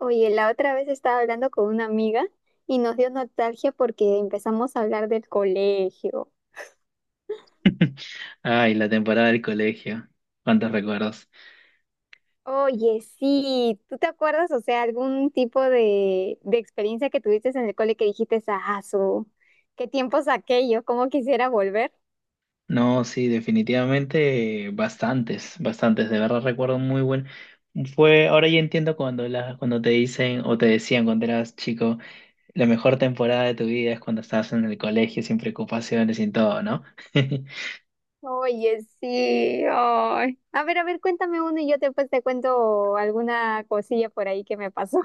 Oye, la otra vez estaba hablando con una amiga y nos dio nostalgia porque empezamos a hablar del colegio. Ay, la temporada del colegio. ¿Cuántos recuerdos? Oye, sí, ¿tú te acuerdas, o sea, algún tipo de experiencia que tuviste en el cole que dijiste, ah, su, qué tiempos aquellos, cómo quisiera volver? No, sí, definitivamente bastantes, bastantes. De verdad recuerdo muy buen. Fue, ahora ya entiendo cuando cuando te dicen o te decían cuando eras chico, la mejor temporada de tu vida es cuando estabas en el colegio sin preocupaciones, sin todo, ¿no? Oye, sí, ay. A ver, cuéntame uno y yo después te cuento alguna cosilla por ahí que me pasó.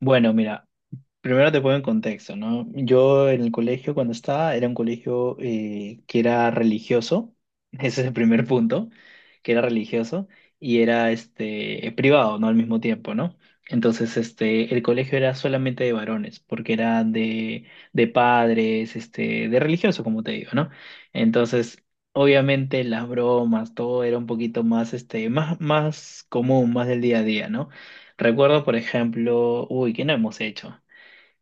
Bueno, mira. Primero te pongo en contexto, ¿no? Yo en el colegio cuando estaba era un colegio que era religioso, ese es el primer punto, que era religioso y era privado, ¿no? Al mismo tiempo, ¿no? Entonces, el colegio era solamente de varones, porque era de padres, de religioso, como te digo, ¿no? Entonces, obviamente las bromas, todo era un poquito más, más común, más del día a día, ¿no? Recuerdo, por ejemplo, uy, ¿qué no hemos hecho?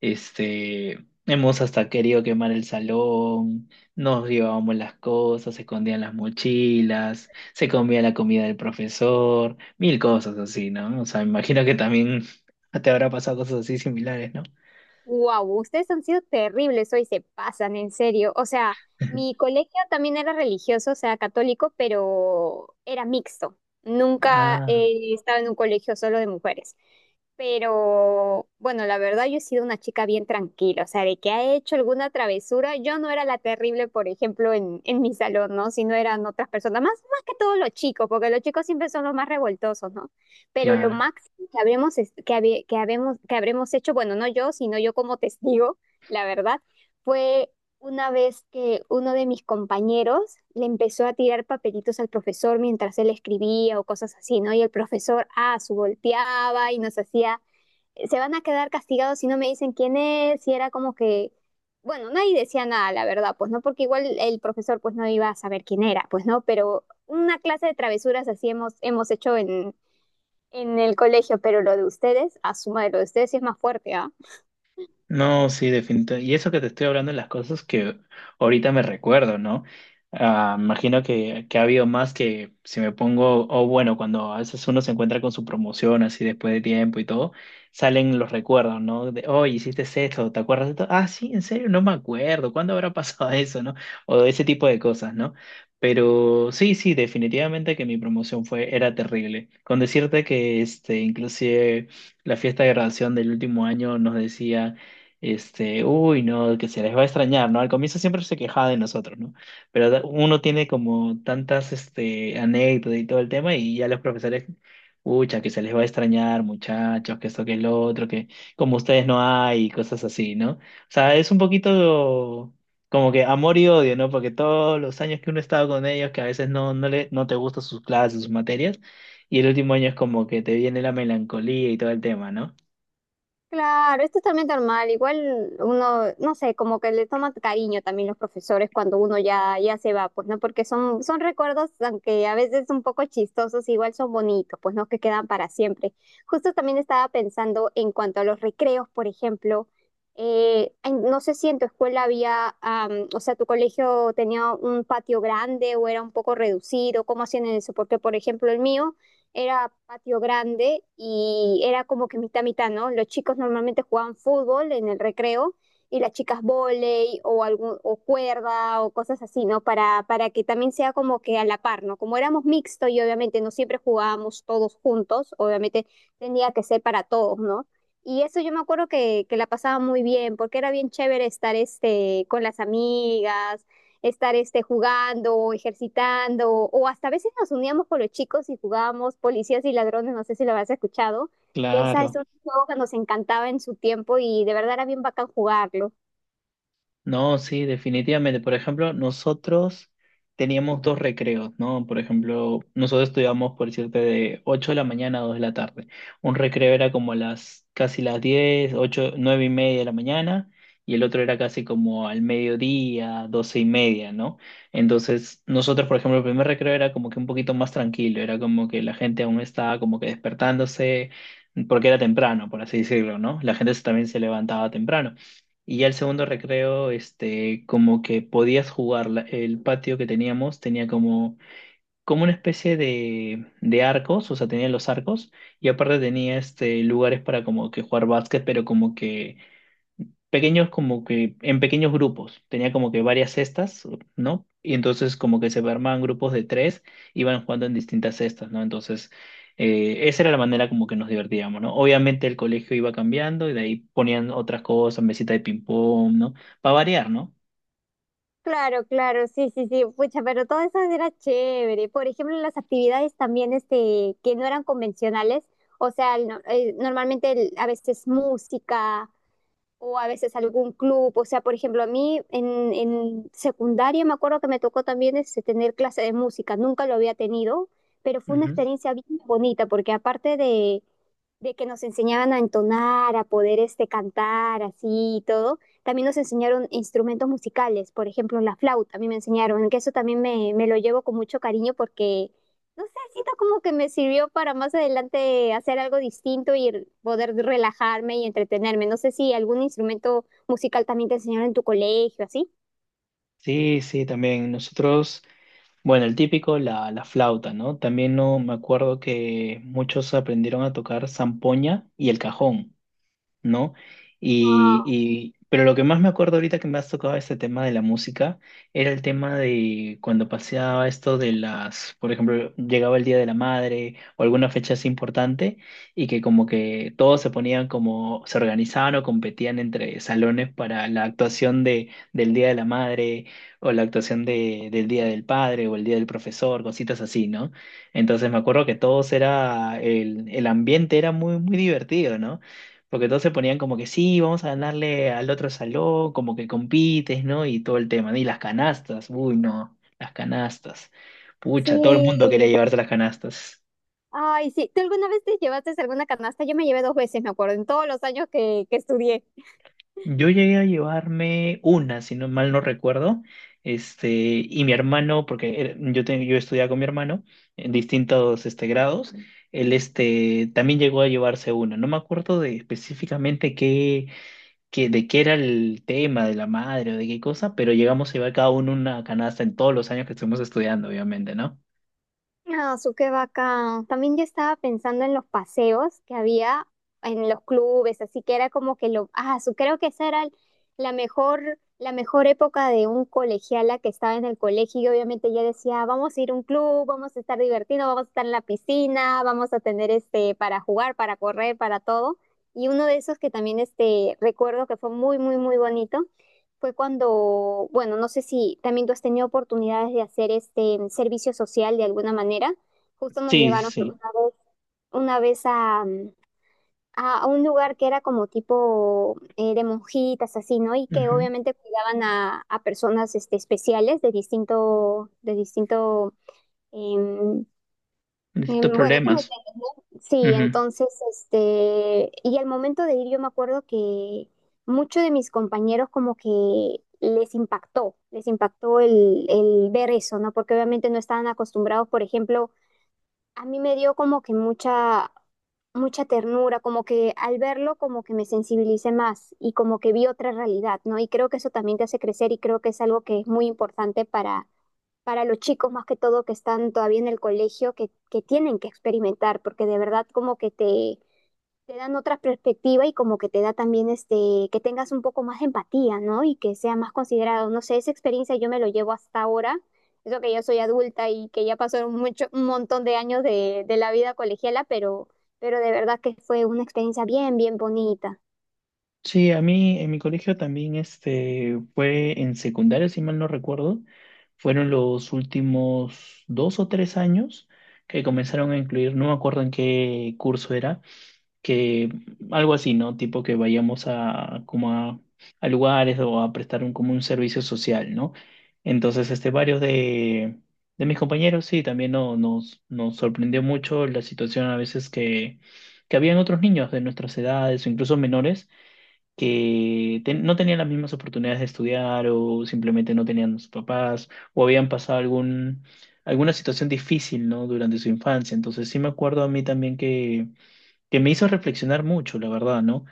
Hemos hasta querido quemar el salón, nos llevábamos las cosas, se escondían las mochilas, se comía la comida del profesor, mil cosas así, ¿no? O sea, me imagino que también te habrá pasado cosas así similares, ¿no? Wow, ustedes han sido terribles hoy, se pasan, en serio. O sea, mi colegio también era religioso, o sea, católico, pero era mixto. Nunca Ah, he estado en un colegio solo de mujeres. Pero bueno, la verdad yo he sido una chica bien tranquila, o sea, de que ha hecho alguna travesura, yo no era la terrible, por ejemplo, en mi salón, ¿no? Sino eran otras personas, más que todos los chicos, porque los chicos siempre son los más revoltosos, ¿no? Pero lo claro. máximo que habremos, es- que, habe- que, habemos- que habremos hecho, bueno, no yo, sino yo como testigo, la verdad, fue una vez que uno de mis compañeros le empezó a tirar papelitos al profesor mientras él escribía o cosas así, ¿no? Y el profesor, ah, su volteaba y nos hacía, se van a quedar castigados si no me dicen quién es, y era como que... Bueno, nadie decía nada, la verdad, pues no, porque igual el profesor pues no iba a saber quién era, pues no, pero una clase de travesuras así hemos hecho en el colegio, pero lo de ustedes, asuma de lo de ustedes sí es más fuerte, ¿ah? No, sí, definitivamente. Y eso que te estoy hablando de las cosas que ahorita me recuerdo, ¿no? Ah, imagino que ha habido más que si me pongo, o bueno, cuando a veces uno se encuentra con su promoción así después de tiempo y todo, salen los recuerdos, ¿no? De, oh, hiciste esto, ¿te acuerdas de esto? Ah, sí, en serio, no me acuerdo, ¿cuándo habrá pasado eso?, ¿no? O de ese tipo de cosas, ¿no? Pero sí, sí, definitivamente que mi promoción fue, era terrible. Con decirte que inclusive la fiesta de graduación del último año nos decía... Uy, no, que se les va a extrañar, ¿no? Al comienzo siempre se quejaba de nosotros, ¿no? Pero uno tiene como tantas, anécdotas y todo el tema y ya los profesores, pucha, que se les va a extrañar, muchachos, que esto, que lo otro, que como ustedes no hay y cosas así, ¿no? O sea, es un poquito como que amor y odio, ¿no? Porque todos los años que uno ha estado con ellos, que a veces no, no le, no te gustan sus clases, sus materias, y el último año es como que te viene la melancolía y todo el tema, ¿no? Claro, es totalmente normal. Igual uno, no sé, como que le toma cariño también los profesores cuando uno ya se va, pues, ¿no? Porque son recuerdos, aunque a veces un poco chistosos, igual son bonitos, pues, ¿no? Que quedan para siempre. Justo también estaba pensando en cuanto a los recreos, por ejemplo. No sé si en tu escuela había, o sea, tu colegio tenía un patio grande o era un poco reducido, ¿cómo hacían eso? Porque, por ejemplo, el mío era patio grande y era como que mitad mitad, ¿no? Los chicos normalmente jugaban fútbol en el recreo y las chicas volei o algún o cuerda o cosas así, ¿no? Para que también sea como que a la par, ¿no? Como éramos mixto y obviamente no siempre jugábamos todos juntos, obviamente tenía que ser para todos, ¿no? Y eso yo me acuerdo que la pasaba muy bien, porque era bien chévere estar este, con las amigas, estar este, jugando, o ejercitando, o hasta a veces nos uníamos con los chicos y jugábamos policías y ladrones, no sé si lo habrás escuchado, que esa es Claro. un juego que nos encantaba en su tiempo y de verdad era bien bacán jugarlo. No, sí, definitivamente. Por ejemplo, nosotros teníamos dos recreos, ¿no? Por ejemplo, nosotros estudiábamos, por decirte, de 8 de la mañana a 2 de la tarde. Un recreo era como las casi las 10 8 9:30 de la mañana, y el otro era casi como al mediodía, 12:30, ¿no? Entonces, nosotros, por ejemplo, el primer recreo era como que un poquito más tranquilo, era como que la gente aún estaba como que despertándose, porque era temprano, por así decirlo, ¿no? La gente también se levantaba temprano. Y ya el segundo recreo, como que podías jugar. El patio que teníamos tenía como una especie de arcos, o sea, tenía los arcos, y aparte tenía lugares para como que jugar básquet, pero como que pequeños como que en pequeños grupos. Tenía como que varias cestas, ¿no? Y entonces como que se armaban grupos de tres, iban jugando en distintas cestas, ¿no? Entonces esa era la manera como que nos divertíamos, ¿no? Obviamente el colegio iba cambiando y de ahí ponían otras cosas, mesita de ping pong, ¿no? Para variar, ¿no? Claro, claro, sí, sí, sí, pucha, pero todo eso era chévere. Por ejemplo, las actividades también este, que no eran convencionales, o sea, normalmente a veces música o a veces algún club. O sea, por ejemplo, a mí en secundaria me acuerdo que me tocó también este, tener clase de música. Nunca lo había tenido, pero fue una Ujú. experiencia bien bonita porque aparte de que nos enseñaban a entonar, a poder este cantar así y todo, también nos enseñaron instrumentos musicales, por ejemplo, la flauta, a mí me enseñaron, que eso también me lo llevo con mucho cariño porque, no sé, siento como que me sirvió para más adelante hacer algo distinto y poder relajarme y entretenerme. No sé si algún instrumento musical también te enseñaron en tu colegio, así. Sí, sí, también nosotros, bueno, el típico, la flauta, ¿no? También no me acuerdo que muchos aprendieron a tocar zampoña y el cajón, ¿no? Wow, Pero lo que más me acuerdo ahorita que me has tocado ese tema de la música era el tema de cuando paseaba esto de las, por ejemplo, llegaba el Día de la Madre o alguna fecha así importante y que como que todos se ponían como, se organizaban o competían entre salones para la actuación de, del Día de la Madre o la actuación de, del Día del Padre o el Día del Profesor, cositas así, ¿no? Entonces me acuerdo que todos era, el ambiente era muy, muy divertido, ¿no? Porque todos se ponían como que sí, vamos a ganarle al otro salón, como que compites, ¿no? Y todo el tema. Y las canastas, uy, no, las canastas. Pucha, todo el mundo quería sí. llevarse las canastas. Ay, sí, ¿tú alguna vez te llevaste alguna canasta? Yo me llevé dos veces, me acuerdo, en todos los años que estudié. Yo llegué a llevarme una, si no mal no recuerdo. Y mi hermano, porque yo estudiaba con mi hermano en distintos grados, él también llegó a llevarse una. No me acuerdo de específicamente qué que de qué era el tema, de la madre o de qué cosa, pero llegamos a llevar cada uno una canasta en todos los años que estuvimos estudiando, obviamente, ¿no? Ah, su qué bacán. También yo estaba pensando en los paseos que había en los clubes, así que era como que lo, ah, su creo que esa era la mejor época de un colegiala que estaba en el colegio y obviamente ya decía, vamos a ir a un club, vamos a estar divertidos, vamos a estar en la piscina, vamos a tener este para jugar, para correr, para todo. Y uno de esos que también este recuerdo que fue muy, muy, muy bonito fue cuando, bueno, no sé si también tú has tenido oportunidades de hacer este servicio social de alguna manera. Justo nos Sí, sí, llevaron una sí. vez, una vez a, a a un lugar que era como tipo de monjitas, así, ¿no? Y que Ujú. obviamente cuidaban a personas este, especiales de distinto, em, Distintos bueno, tú me problemas. Sí, Ujú. entonces, este, y al momento de ir, yo me acuerdo que muchos de mis compañeros como que les impactó el ver eso, ¿no? Porque obviamente no estaban acostumbrados, por ejemplo, a mí me dio como que mucha ternura, como que al verlo como que me sensibilicé más y como que vi otra realidad, ¿no? Y creo que eso también te hace crecer y creo que es algo que es muy importante para los chicos más que todo que están todavía en el colegio, que tienen que experimentar, porque de verdad como que te dan otra perspectiva y como que te da también este, que tengas un poco más de empatía, ¿no? Y que sea más considerado. No sé, esa experiencia yo me lo llevo hasta ahora. Eso que yo soy adulta y que ya pasaron mucho, un montón de años de la vida colegiala, pero de verdad que fue una experiencia bien, bien bonita. Sí, a mí en mi colegio también fue en secundaria, si mal no recuerdo, fueron los últimos 2 o 3 años que comenzaron a incluir, no me acuerdo en qué curso era, que algo así, ¿no? Tipo que vayamos a a lugares o a prestar un como un servicio social, ¿no? Entonces, varios de mis compañeros, sí, también nos sorprendió mucho la situación a veces que habían otros niños de nuestras edades o incluso menores que no tenían las mismas oportunidades de estudiar o simplemente no tenían sus papás o habían pasado algún, alguna situación difícil, ¿no? Durante su infancia. Entonces, sí me acuerdo a mí también que me hizo reflexionar mucho, la verdad, ¿no?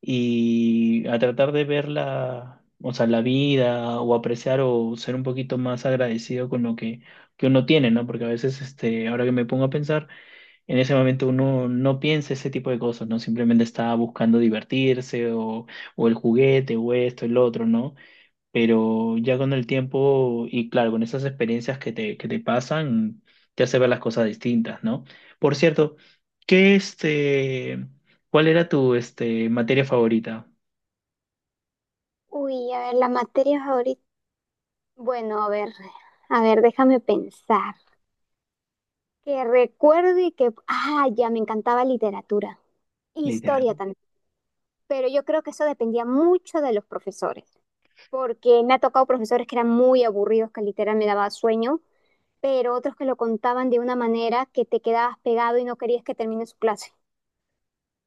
Y a tratar de ver la, o sea, la vida o apreciar o ser un poquito más agradecido con lo que uno tiene, ¿no? Porque a veces, ahora que me pongo a pensar, en ese momento uno no piensa ese tipo de cosas, ¿no? Simplemente está buscando divertirse o el juguete o esto, el otro, ¿no? Pero ya con el tiempo y claro, con esas experiencias que te pasan, te hace ver las cosas distintas, ¿no? Por cierto, ¿qué este, ¿cuál era tu materia favorita? Uy, a ver, la materia ahorita. Bueno, a ver, déjame pensar. Que recuerde que, ah, ya me encantaba literatura, historia Literal. también, pero yo creo que eso dependía mucho de los profesores, porque me ha tocado profesores que eran muy aburridos, que literal me daba sueño, pero otros que lo contaban de una manera que te quedabas pegado y no querías que termine su clase.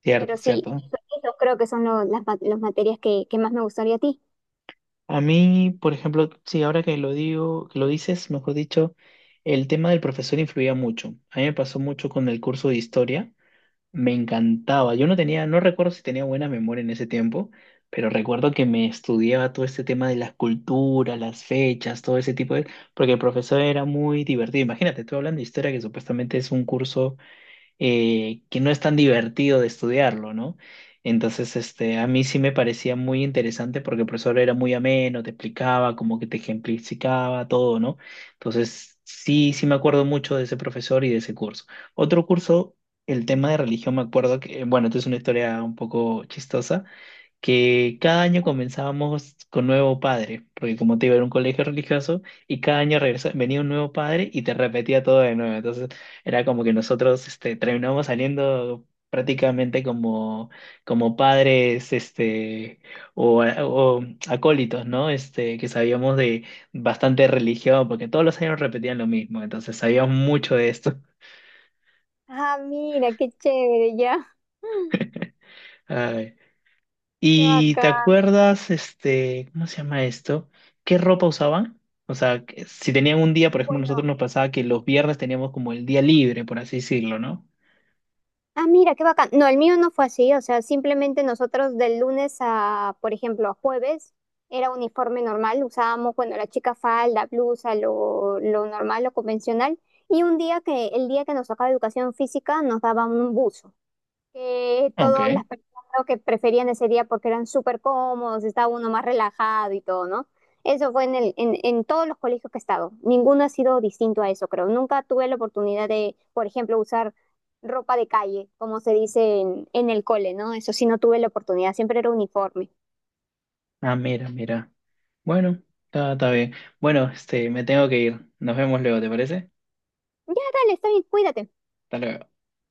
Cierto, Pero sí, cierto. eso creo que son las materias que más me gustaría a ti. A mí, por ejemplo, sí, ahora que lo digo, que lo dices, mejor dicho, el tema del profesor influía mucho. A mí me pasó mucho con el curso de historia. Me encantaba. Yo no tenía, no recuerdo si tenía buena memoria en ese tiempo, pero recuerdo que me estudiaba todo este tema de las culturas, las fechas, todo ese tipo de... Porque el profesor era muy divertido. Imagínate, estoy hablando de historia que supuestamente es un curso que no es tan divertido de estudiarlo, ¿no? Entonces, a mí sí me parecía muy interesante porque el profesor era muy ameno, te explicaba, como que te ejemplificaba todo, ¿no? Entonces, sí, sí me acuerdo mucho de ese profesor y de ese curso. Otro curso, el tema de religión, me acuerdo que, bueno, esto es una historia un poco chistosa que cada año comenzábamos con nuevo padre, porque como te iba a un colegio religioso y cada año venía un nuevo padre y te repetía todo de nuevo. Entonces era como que nosotros terminábamos saliendo prácticamente como padres o acólitos, ¿no? Que sabíamos de bastante religión, porque todos los años repetían lo mismo, entonces sabíamos mucho de esto. Ah, mira, qué chévere, ya. Qué ¿Y te bacán. acuerdas, cómo se llama esto? ¿Qué ropa usaban? O sea, que si tenían un día, por ejemplo, nosotros Bueno, nos pasaba que los viernes teníamos como el día libre, por así decirlo, ¿no? ah, mira, qué bacán. No, el mío no fue así, o sea, simplemente nosotros del lunes a, por ejemplo, a jueves, era uniforme normal, usábamos, bueno, la chica falda, blusa, lo normal, lo convencional, y un día que, el día que nos tocaba educación física, nos daban un buzo que todas Ok. las personas creo que preferían ese día porque eran súper cómodos, estaba uno más relajado y todo, ¿no? Eso fue en el, en todos los colegios que he estado. Ninguno ha sido distinto a eso, creo. Nunca tuve la oportunidad de, por ejemplo, usar ropa de calle, como se dice en el cole, ¿no? Eso sí no tuve la oportunidad, siempre era uniforme. Ah, mira, mira. Bueno, está bien. Bueno, me tengo que ir. Nos vemos luego, ¿te parece? Ya, dale, está bien, cuídate. Hasta luego.